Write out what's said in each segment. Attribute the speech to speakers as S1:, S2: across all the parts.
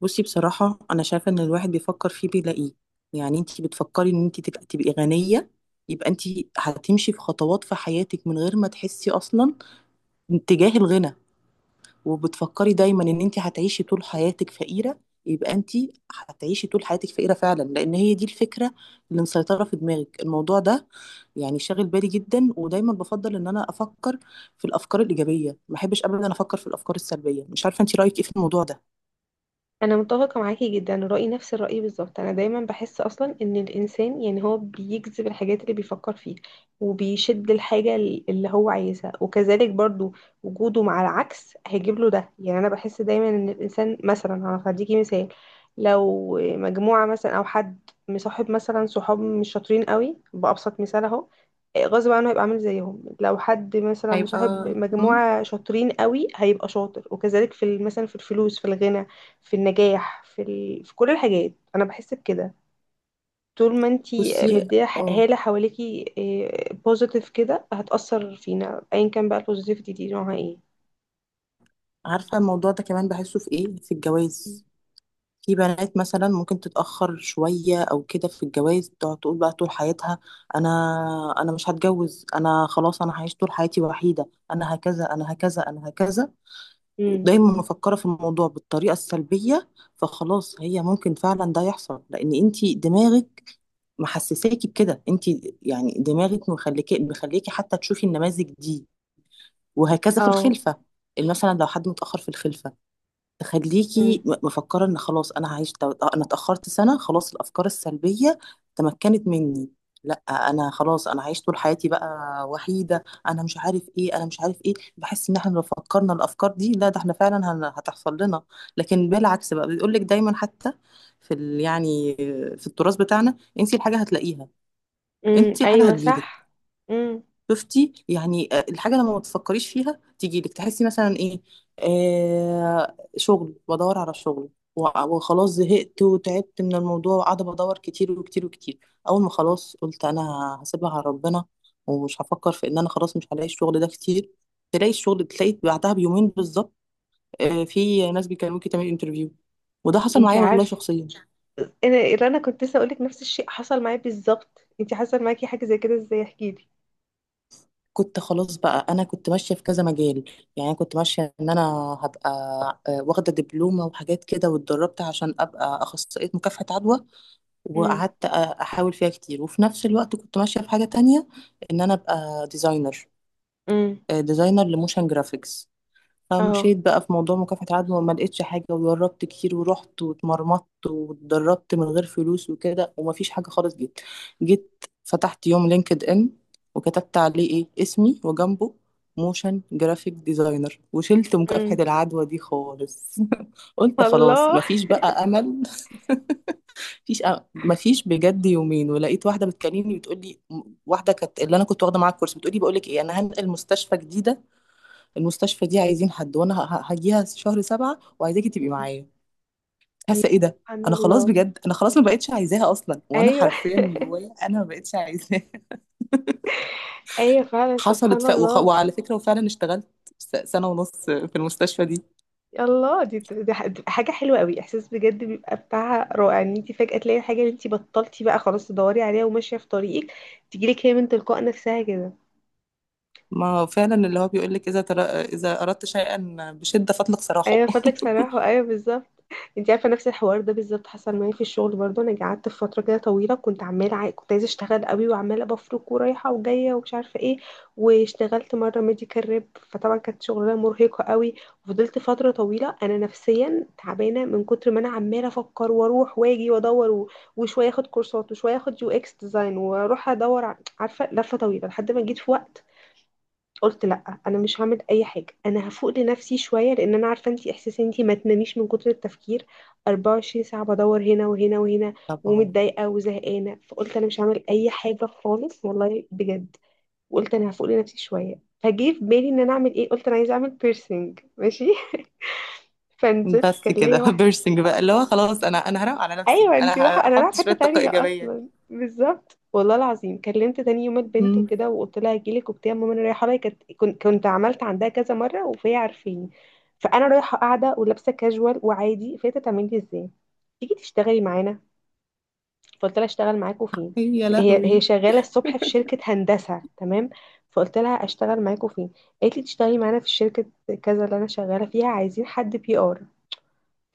S1: بصي، بصراحة أنا شايفة إن الواحد بيفكر فيه بيلاقيه. يعني أنتي بتفكري إن أنتي تبقي غنية، يبقى أنتي هتمشي في خطوات في حياتك من غير ما تحسي أصلا اتجاه الغنى. وبتفكري دايما إن أنتي هتعيشي طول حياتك فقيرة، يبقى أنتي هتعيشي طول حياتك فقيرة فعلا، لأن هي دي الفكرة اللي مسيطرة في دماغك. الموضوع ده يعني شاغل بالي جدا، ودايما بفضل إن أنا أفكر في الأفكار الإيجابية. ما بحبش أبدا أفكر في الأفكار السلبية. مش عارفة أنتي رأيك إيه في الموضوع ده؟
S2: انا متفقه معاكي جدا، رايي نفس الراي بالظبط. انا دايما بحس اصلا ان الانسان يعني هو بيجذب الحاجات اللي بيفكر فيها وبيشد الحاجه اللي هو عايزها، وكذلك برضو وجوده مع العكس هيجيب له ده. يعني انا بحس دايما ان الانسان مثلا، هديكي مثال، لو مجموعه مثلا او حد مصاحب مثلا صحاب مش شاطرين قوي، بابسط مثال اهو، غصب عنه هيبقى عامل زيهم. لو حد مثلا مصاحب
S1: هيبقى. مم.
S2: مجموعه شاطرين قوي هيبقى شاطر، وكذلك مثلا في الفلوس، في الغنى، في النجاح، في كل الحاجات انا بحس بكده. طول ما انتي
S1: بصي.
S2: مديه
S1: اه.
S2: هاله حواليكي بوزيتيف كده هتأثر فينا، ايا كان بقى البوزيتيفيتي دي نوعها ايه.
S1: عارفة، الموضوع ده كمان بحسه في ايه، في الجواز. في بنات مثلا ممكن تتأخر شوية او كده في الجواز، تقعد تقول بقى طول حياتها: انا انا مش هتجوز، انا خلاص انا هعيش طول حياتي وحيدة، انا هكذا انا هكذا انا هكذا.
S2: امم.
S1: دايما مفكرة في الموضوع بالطريقة السلبية، فخلاص هي ممكن فعلا ده يحصل، لان انتي دماغك محسساكي بكده. انتي يعني دماغك مخليكي حتى تشوفي النماذج دي. وهكذا في
S2: اه.
S1: الخلفة، مثلا لو حد متأخر في الخلفة، تخليكي
S2: امم.
S1: مفكرة ان خلاص انا انا اتأخرت سنة، خلاص الافكار السلبية تمكنت مني. لا، انا خلاص انا عايش طول حياتي بقى وحيدة، انا مش عارف ايه انا مش عارف ايه. بحس ان احنا لو فكرنا الافكار دي، لا ده احنا فعلا هتحصل لنا. لكن بالعكس بقى، بيقول لك دايما، حتى في ال يعني في التراث بتاعنا: انسي الحاجة هتلاقيها.
S2: امم،
S1: انسي الحاجة
S2: ايوه
S1: هتجيلك.
S2: صح. امم.
S1: شفتي يعني الحاجه لما ما تفكريش فيها تيجي لك، تحسي مثلا ايه. شغل بدور على شغل و- وخلاص زهقت وتعبت من الموضوع، وقاعده بدور كتير وكتير وكتير. اول ما خلاص قلت انا هسيبها على ربنا، ومش هفكر في ان انا خلاص مش هلاقي الشغل ده كتير، تلاقي الشغل، تلاقي بعدها بيومين بالظبط. في ناس بيكلموكي تعملي انترفيو. وده حصل
S2: انتي
S1: معايا والله
S2: عارفه،
S1: شخصيا.
S2: انا انا كنت لسه اقولك نفس الشيء حصل معايا بالظبط. انتي حصل معاكي حاجه زي كده؟ ازاي احكي لي.
S1: كنت خلاص بقى، انا كنت ماشيه في كذا مجال. يعني أنا كنت ماشيه ان انا هبقى واخده دبلومه وحاجات كده، واتدربت عشان ابقى اخصائيه مكافحه عدوى.
S2: امم.
S1: وقعدت احاول فيها كتير، وفي نفس الوقت كنت ماشيه في حاجه تانية، ان انا ابقى ديزاينر.
S2: امم.
S1: ديزاينر لموشن جرافيكس.
S2: اه.
S1: فمشيت بقى في موضوع مكافحة العدوى، وما لقيتش حاجة، وجربت كتير ورحت واتمرمطت واتدربت من غير فلوس وكده، ومفيش حاجة خالص. جيت فتحت يوم لينكد ان، وكتبت عليه ايه اسمي، وجنبه موشن جرافيك ديزاينر، وشلت مكافحة
S2: امم.
S1: العدوى دي خالص. قلت خلاص
S2: الله.
S1: مفيش بقى امل، مفيش أمل. مفيش بجد يومين ولقيت واحدة بتكلمني بتقول لي، واحدة كانت اللي انا كنت واخدة معاها الكورس، بتقول لي بقول لك ايه، انا هنقل مستشفى جديدة، المستشفى دي عايزين حد، وانا هجيها شهر 7، وعايزاكي تبقي
S2: مم.
S1: معايا. حاسه ايه ده؟
S2: سبحان
S1: انا خلاص
S2: الله.
S1: بجد، انا خلاص ما بقتش عايزاها اصلا، وانا
S2: ايوه.
S1: حرفيا من جوايا انا ما بقتش عايزاها.
S2: ايوه فعلا
S1: حصلت
S2: سبحان الله.
S1: وعلى فكره وفعلا اشتغلت سنه ونص في المستشفى دي.
S2: الله، دي بتبقى حاجة حلوة قوي، احساس بجد بيبقى بتاعها رائع، ان انت فجأة تلاقي الحاجة اللي انت بطلتي بقى خلاص تدوري عليها وماشية في طريقك، تجيلك هي من تلقاء نفسها كده.
S1: ما هو فعلا، اللي هو بيقول لك: اذا اردت شيئا بشده فاطلق سراحه.
S2: ايوه فضلك صراحة، ايوه بالظبط. انت عارفه نفس الحوار ده بالظبط حصل معايا في الشغل برضه. انا قعدت في فتره كده طويله كنت عماله كنت عايزه اشتغل قوي، وعماله بفرك ورايحه وجايه ومش عارفه ايه. واشتغلت مره ميديكال ريب، فطبعا كانت شغلانه مرهقه قوي. وفضلت فتره طويله انا نفسيا تعبانه من كتر ما انا عماله افكر واروح واجي وادور وشويه اخد كورسات وشويه اخد يو اكس ديزاين واروح ادور عارفه، لفه طويله. لحد ما جيت في وقت قلت لا، انا مش هعمل اي حاجه، انا هفوق لنفسي شويه، لان انا عارفه انتي احساس انتي ما تناميش من كتر التفكير، 24 ساعه بدور هنا وهنا وهنا،
S1: طبعا.
S2: ومتضايقه وزهقانه. فقلت انا مش هعمل اي حاجه خالص والله بجد، وقلت انا هفوق لنفسي شويه. فجه في بالي ان انا اعمل ايه؟ قلت انا عايزه اعمل بيرسينج، ماشي. فنزلت،
S1: بس
S2: كان
S1: كده
S2: ليا واحده.
S1: بيرسينج بقى، اللي هو خلاص انا هروق على نفسي،
S2: ايوه
S1: انا
S2: انتي رايحه، انا رايحه
S1: هحط
S2: في
S1: شويه
S2: حته
S1: طاقه
S2: تانية
S1: ايجابيه.
S2: اصلا بالظبط. والله العظيم كلمت تاني يوم البنت
S1: مم.
S2: وكده، وقلت لها هجيلك وبتاع، ماما انا رايحه لها، كنت كنت عملت عندها كذا مره، وفهي عارفيني. فانا رايحه قاعده ولابسه كاجوال وعادي، فهي تعمل لي ازاي تيجي تشتغلي معانا؟ فقلت لها اشتغل معاكوا فين؟
S1: يا
S2: هي
S1: لهوي.
S2: شغاله الصبح في شركه هندسه، تمام. فقلت لها اشتغل معاكوا فين؟ قالت لي تشتغلي معانا في شركه كذا، اللي انا شغاله فيها، عايزين حد بي ار.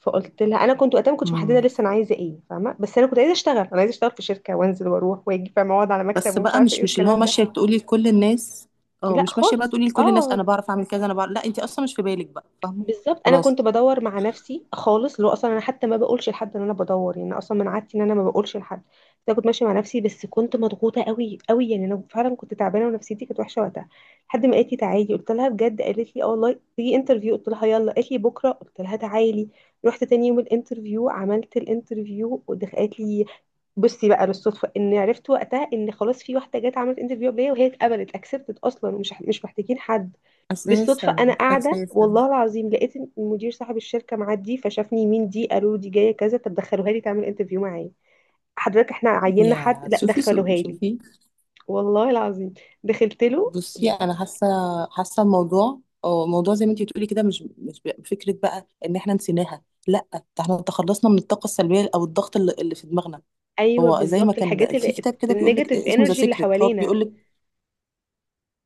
S2: فقلت لها، انا كنت وقتها ما كنتش محدده لسه انا عايزه ايه، فاهمه؟ بس انا كنت عايزه اشتغل، انا عايزه اشتغل في شركه، وانزل واروح واجي، فاهمه، اقعد على مكتب،
S1: بس
S2: ومش
S1: بقى
S2: عارفه ايه
S1: مش اللي هو
S2: والكلام ده.
S1: ماشية تقولي لكل الناس. اه،
S2: لا
S1: مش ماشية بقى
S2: خالص.
S1: تقولي لكل الناس
S2: اه،
S1: انا بعرف اعمل كذا انا بعرف، لا، انت اصلا مش في بالك بقى، فاهمة؟
S2: بالظبط، انا كنت
S1: خلاص.
S2: بدور مع نفسي خالص. لو اصلا انا حتى ما بقولش لحد ان انا بدور، يعني أنا اصلا من عادتي ان انا ما بقولش لحد، بس انا كنت ماشيه مع نفسي. بس كنت مضغوطه قوي قوي، يعني انا فعلا كنت تعبانه ونفسيتي كانت وحشه وقتها. لحد ما قالت لي تعالي، قلت لها بجد؟ قالت لي اه والله، تيجي انترفيو. قلت لها يلا. قالت لي بكره. قلت لها تعالي. رحت تاني يوم الانترفيو، عملت الانترفيو، قالت لي بصي بقى للصدفه، ان عرفت وقتها ان خلاص في واحده جت عملت انترفيو قبليه وهي اتقبلت اكسبتت اصلا، ومش مش محتاجين حد بالصدفة.
S1: اساسا.
S2: أنا قاعدة
S1: اساسا.
S2: والله العظيم، لقيت المدير صاحب الشركة معدي، فشافني، مين دي؟ قالوا له دي جاية كذا، طب دخلوها لي تعمل انترفيو معايا. حضرتك احنا عيننا حد.
S1: يا
S2: لا
S1: شوفي
S2: دخلوها لي.
S1: شوفي.
S2: والله العظيم، دخلت له.
S1: بصي انا حاسة، حاسة الموضوع. اه، الموضوع زي ما انت بتقولي كده، مش مش بقى- فكرة بقى ان احنا نسيناها، لا، ده احنا تخلصنا من الطاقة السلبية او الضغط اللي في دماغنا.
S2: أيوه
S1: هو زي ما
S2: بالظبط، الحاجات
S1: كان في
S2: اللي
S1: كتاب كده، بيقول لك
S2: النيجاتيف
S1: اسمه ذا
S2: انرجي اللي
S1: سيكريت، هو
S2: حوالينا.
S1: بيقول لك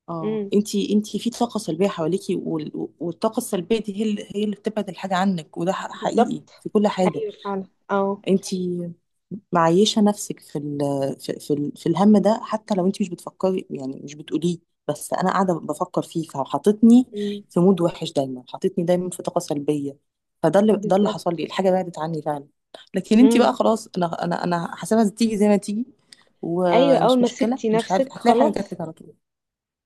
S1: اه،
S2: امم.
S1: انتي في طاقة سلبية حواليكي، والطاقة السلبية دي هي اللي بتبعد الحاجة عنك، وده حقيقي
S2: بالظبط.
S1: في كل حاجة.
S2: أيوه فعلا. اه.
S1: انتي معيشة نفسك في ال في في, ال في الهم ده، حتى لو انتي مش بتفكري، يعني مش بتقوليه، بس انا قاعدة بفكر فيه، فحطتني
S2: امم.
S1: في مود وحش، دايما حطتني دايما في طاقة سلبية، فده اللي حصل
S2: بالظبط.
S1: لي، الحاجة بعدت عني فعلا. لكن انتي بقى
S2: امم.
S1: خلاص، انا حاسبها تيجي زي ما تيجي،
S2: أيوه، أول
S1: ومش
S2: ما
S1: مشكلة،
S2: سبتي
S1: مش عارف،
S2: نفسك
S1: هتلاقي حاجة جات
S2: خلاص.
S1: لك على طول.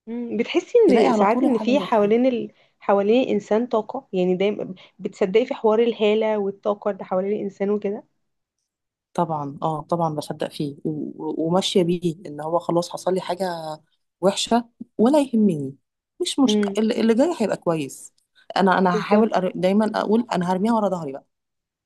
S2: مم. بتحسي
S1: تلاقي
S2: ان
S1: على
S2: ساعات
S1: طول
S2: ان
S1: الحاجة
S2: في
S1: جات.
S2: حوالين الانسان طاقة، يعني دايما بتصدقي في حوار الهالة والطاقة اللي حوالين الانسان وكده.
S1: طبعا اه، طبعا بصدق فيه وماشيه بيه. ان هو خلاص حصل لي حاجه وحشه، ولا يهمني، مش مشكله،
S2: امم.
S1: اللي جاي هيبقى كويس. انا
S2: بالظبط.
S1: دايما اقول انا هرميها ورا ظهري بقى،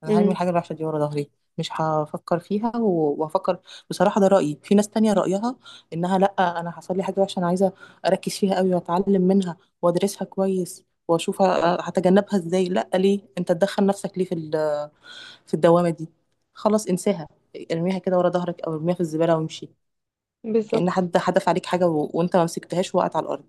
S1: انا هرمي
S2: امم.
S1: الحاجه الوحشه دي ورا ظهري، مش هفكر فيها وهفكر. بصراحه ده رايي، في ناس تانية رايها انها لا، انا حصل لي حاجه وحشه انا عايزه اركز فيها قوي واتعلم منها وادرسها كويس، واشوف هتجنبها ازاي. لا، ليه انت تدخل نفسك ليه في في الدوامة دي؟ خلاص، انساها، ارميها كده ورا ظهرك، او ارميها في الزبالة وامشي، كأن
S2: بالظبط.
S1: حد حدف عليك حاجة وانت ما مسكتهاش، وقعت على الأرض.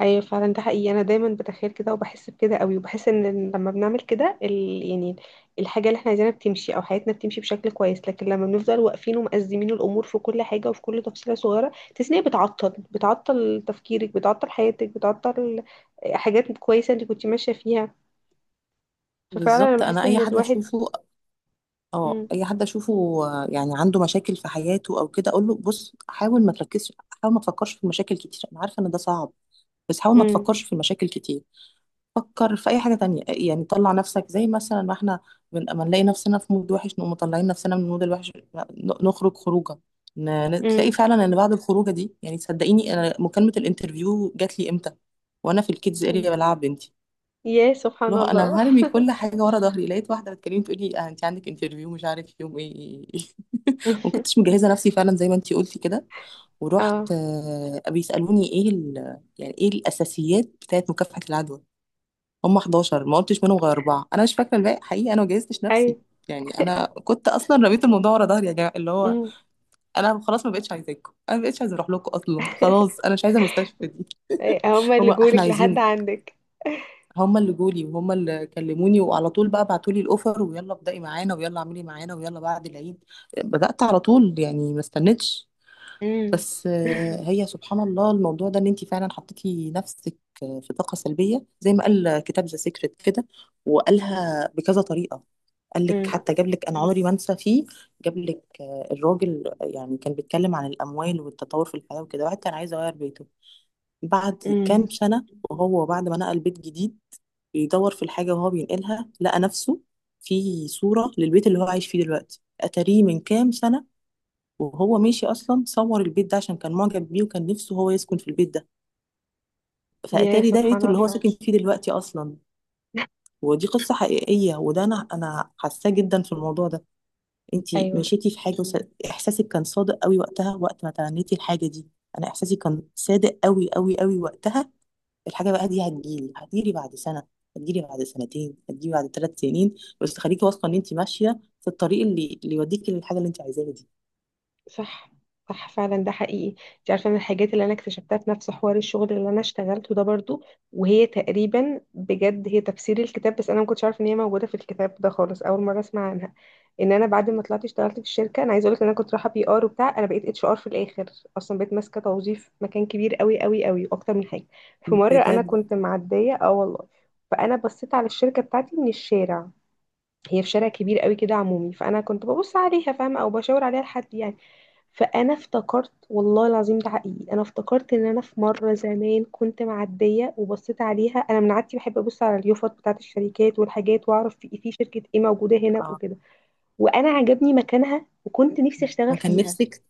S2: ايوه فعلا، ده حقيقي، انا دايما بتخيل كده وبحس بكده قوي. وبحس ان لما بنعمل كده يعني الحاجة اللي احنا عايزينها بتمشي، او حياتنا بتمشي بشكل كويس. لكن لما بنفضل واقفين ومأزمين الامور في كل حاجة وفي كل تفصيلة صغيرة، تحسي ان هي بتعطل، بتعطل تفكيرك، بتعطل حياتك، بتعطل حاجات كويسة انت كنت ماشية فيها. ففعلا انا
S1: بالظبط،
S2: بحس
S1: انا اي
S2: ان
S1: حد
S2: الواحد.
S1: اشوفه، اه،
S2: امم.
S1: اي حد اشوفه يعني عنده مشاكل في حياته او كده، اقول له بص حاول ما تركزش، حاول ما تفكرش في المشاكل كتير، انا عارفة ان ده صعب، بس حاول ما
S2: امم.
S1: تفكرش في المشاكل كتير، فكر في اي حاجه تانية. يعني طلع نفسك، زي مثلا ما احنا ما نلاقي نفسنا في مود وحش نقوم مطلعين نفسنا من المود الوحش، نخرج خروجه، تلاقي
S2: امم.
S1: فعلا ان بعد الخروجه دي يعني. صدقيني انا مكالمه الانترفيو جات لي امتى؟ وانا في الكيدز اريا
S2: فهمت.
S1: بلعب بنتي،
S2: يا سبحان
S1: لو
S2: الله.
S1: انا هرمي كل حاجه ورا ظهري، لقيت واحده بتكلمني تقول لي آه انت عندك انترفيو مش عارف يوم ايه. ما كنتش مجهزه نفسي فعلا زي ما انت قلتي كده، ورحت
S2: اه.
S1: بيسالوني ايه يعني ايه الاساسيات بتاعت مكافحه العدوى. هم 11، ما قلتش منهم غير اربعه، انا مش فاكره الباقي حقيقي، انا ما جهزتش نفسي.
S2: ايوه.
S1: يعني انا كنت اصلا رميت الموضوع ورا ظهري، يا جماعه اللي هو
S2: امم.
S1: انا خلاص ما بقتش عايزاكم، انا ما بقتش عايزه اروح لكم اصلا، خلاص انا مش عايزه المستشفى دي.
S2: هما
S1: هم
S2: اللي
S1: احنا
S2: جولك لحد
S1: عايزينك.
S2: عندك؟
S1: هم اللي جولي، وهم اللي كلموني، وعلى طول بقى بعتوا لي الاوفر، ويلا ابدأي معانا، ويلا اعملي معانا، ويلا بعد العيد بدأت على طول، يعني ما استنيتش.
S2: امم.
S1: بس هي سبحان الله، الموضوع ده ان انت فعلا حطيتي نفسك في طاقه سلبيه زي ما قال كتاب ذا سيكريت كده، وقالها بكذا طريقه. قال لك
S2: امم.
S1: حتى، جاب لك انا عمري ما انسى فيه، جاب لك الراجل يعني كان بيتكلم عن الاموال والتطور في الحياه وكده، واحد كان عايز يغير بيته بعد كام
S2: امم.
S1: سنه، وهو بعد ما نقل بيت جديد، بيدور في الحاجه وهو بينقلها، لقى نفسه في صوره للبيت اللي هو عايش فيه دلوقتي. اتاريه من كام سنه وهو ماشي اصلا صور البيت ده عشان كان معجب بيه، وكان نفسه هو يسكن في البيت ده،
S2: يا
S1: فاتاري ده
S2: سبحان
S1: بيته اللي هو
S2: الله.
S1: ساكن فيه دلوقتي اصلا. ودي قصة حقيقية، وده انا حاساه جدا في الموضوع ده. انتي
S2: ايوه
S1: مشيتي في حاجة احساسك كان صادق قوي وقتها، وقت ما تمنيتي الحاجة دي. انا احساسي كان صادق قوي قوي قوي وقتها. الحاجة بقى دي هتجيلي بعد سنة، هتجيلي بعد سنتين، هتجيلي بعد 3 سنين، بس خليكي واثقة ان انتي ماشية في الطريق اللي يوديكي للحاجة اللي انتي عايزاها دي.
S2: صح. صح فعلا ده حقيقي. انت عارفه من الحاجات اللي انا اكتشفتها في نفس حوار الشغل اللي انا اشتغلته ده برضو، وهي تقريبا بجد هي تفسير الكتاب، بس انا ما كنتش عارفه ان هي موجوده في الكتاب ده خالص، اول مره اسمع عنها. ان انا بعد ما طلعت اشتغلت في الشركه، انا عايزه اقول لك ان انا كنت رايحه بي ار وبتاع، انا بقيت اتش ار في الاخر اصلا، بقيت ماسكه توظيف مكان كبير قوي قوي قوي واكتر من حاجه. في مره انا
S1: بجد.
S2: كنت معديه، اه والله، فانا بصيت على الشركه بتاعتي من الشارع. هي في شارع كبير قوي كده عمومي، فانا كنت ببص عليها، فاهمه، او بشاور عليها لحد، يعني. فانا افتكرت والله العظيم ده حقيقي، انا افتكرت ان انا في مره زمان كنت معديه وبصيت عليها، انا من عادتي بحب ابص على اليوفط بتاعت الشركات والحاجات واعرف في إيه، في شركه ايه موجوده هنا
S1: آه.
S2: وكده، وانا عجبني مكانها وكنت نفسي اشتغل
S1: وكان
S2: فيها.
S1: نفسك.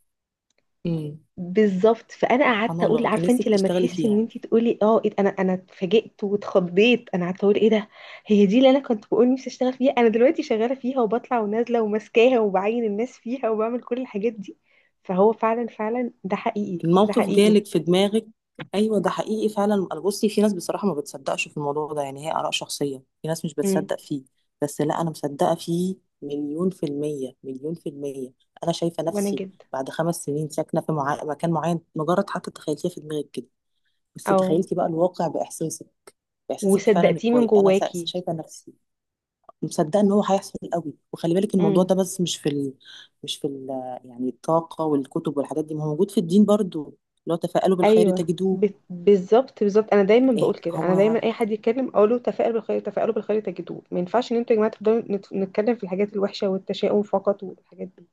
S1: مم.
S2: بالظبط، فانا
S1: سبحان
S2: قعدت اقول
S1: الله، كان
S2: عارفه انت
S1: نفسك
S2: لما
S1: تشتغلي
S2: تحسي ان
S1: فيها،
S2: انت تقولي اه إيه ده، انا انا اتفاجئت واتخضيت، انا قعدت اقول ايه ده؟ هي دي اللي انا كنت بقول نفسي اشتغل فيها. انا دلوقتي شغاله فيها، وبطلع ونازله وماسكاها وبعين الناس فيها، وبعمل كل الحاجات دي. فهو فعلا فعلا ده حقيقي، ده
S1: الموقف
S2: حقيقي.
S1: جالك في دماغك. ايوه ده حقيقي فعلا. بصي، في ناس بصراحه ما بتصدقش في الموضوع ده، يعني هي اراء شخصيه، في ناس مش
S2: امم.
S1: بتصدق فيه، بس لا انا مصدقه فيه، مليون في الميه مليون في الميه. انا شايفه
S2: وانا
S1: نفسي
S2: جدا.
S1: بعد 5 سنين ساكنه في مكان معين، مجرد حتى تخيلتيها في دماغك كده، بس
S2: اه.
S1: تخيلتي بقى الواقع باحساسك، باحساسك فعلا
S2: وصدقتيه من
S1: الكويس، انا
S2: جواكي.
S1: شايفه نفسي مصدقه ان هو هيحصل قوي. وخلي بالك الموضوع ده، بس مش في ال... مش في ال... يعني الطاقه والكتب والحاجات دي، ما هو موجود في الدين برضو: لو تفاءلوا بالخير
S2: ايوه
S1: تجدوه.
S2: بالظبط، بالظبط. انا دايما بقول
S1: إيه
S2: كده، انا
S1: هو
S2: دايما اي حد يتكلم اقول له تفائلوا بالخير، تفائلوا بالخير تجدوه. ما ينفعش ان انتوا يا جماعه تفضلوا نتكلم في الحاجات الوحشه والتشاؤم فقط والحاجات دي.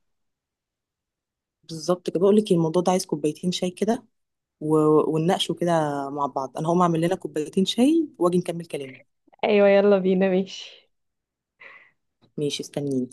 S1: بالظبط كده. بقول لك الموضوع ده عايز كوبايتين شاي كده و... ونناقشه كده مع بعض. انا هقوم اعمل لنا كوبايتين شاي واجي نكمل كلامي.
S2: ايوه يلا بينا، ماشي.
S1: ماشي استنيني.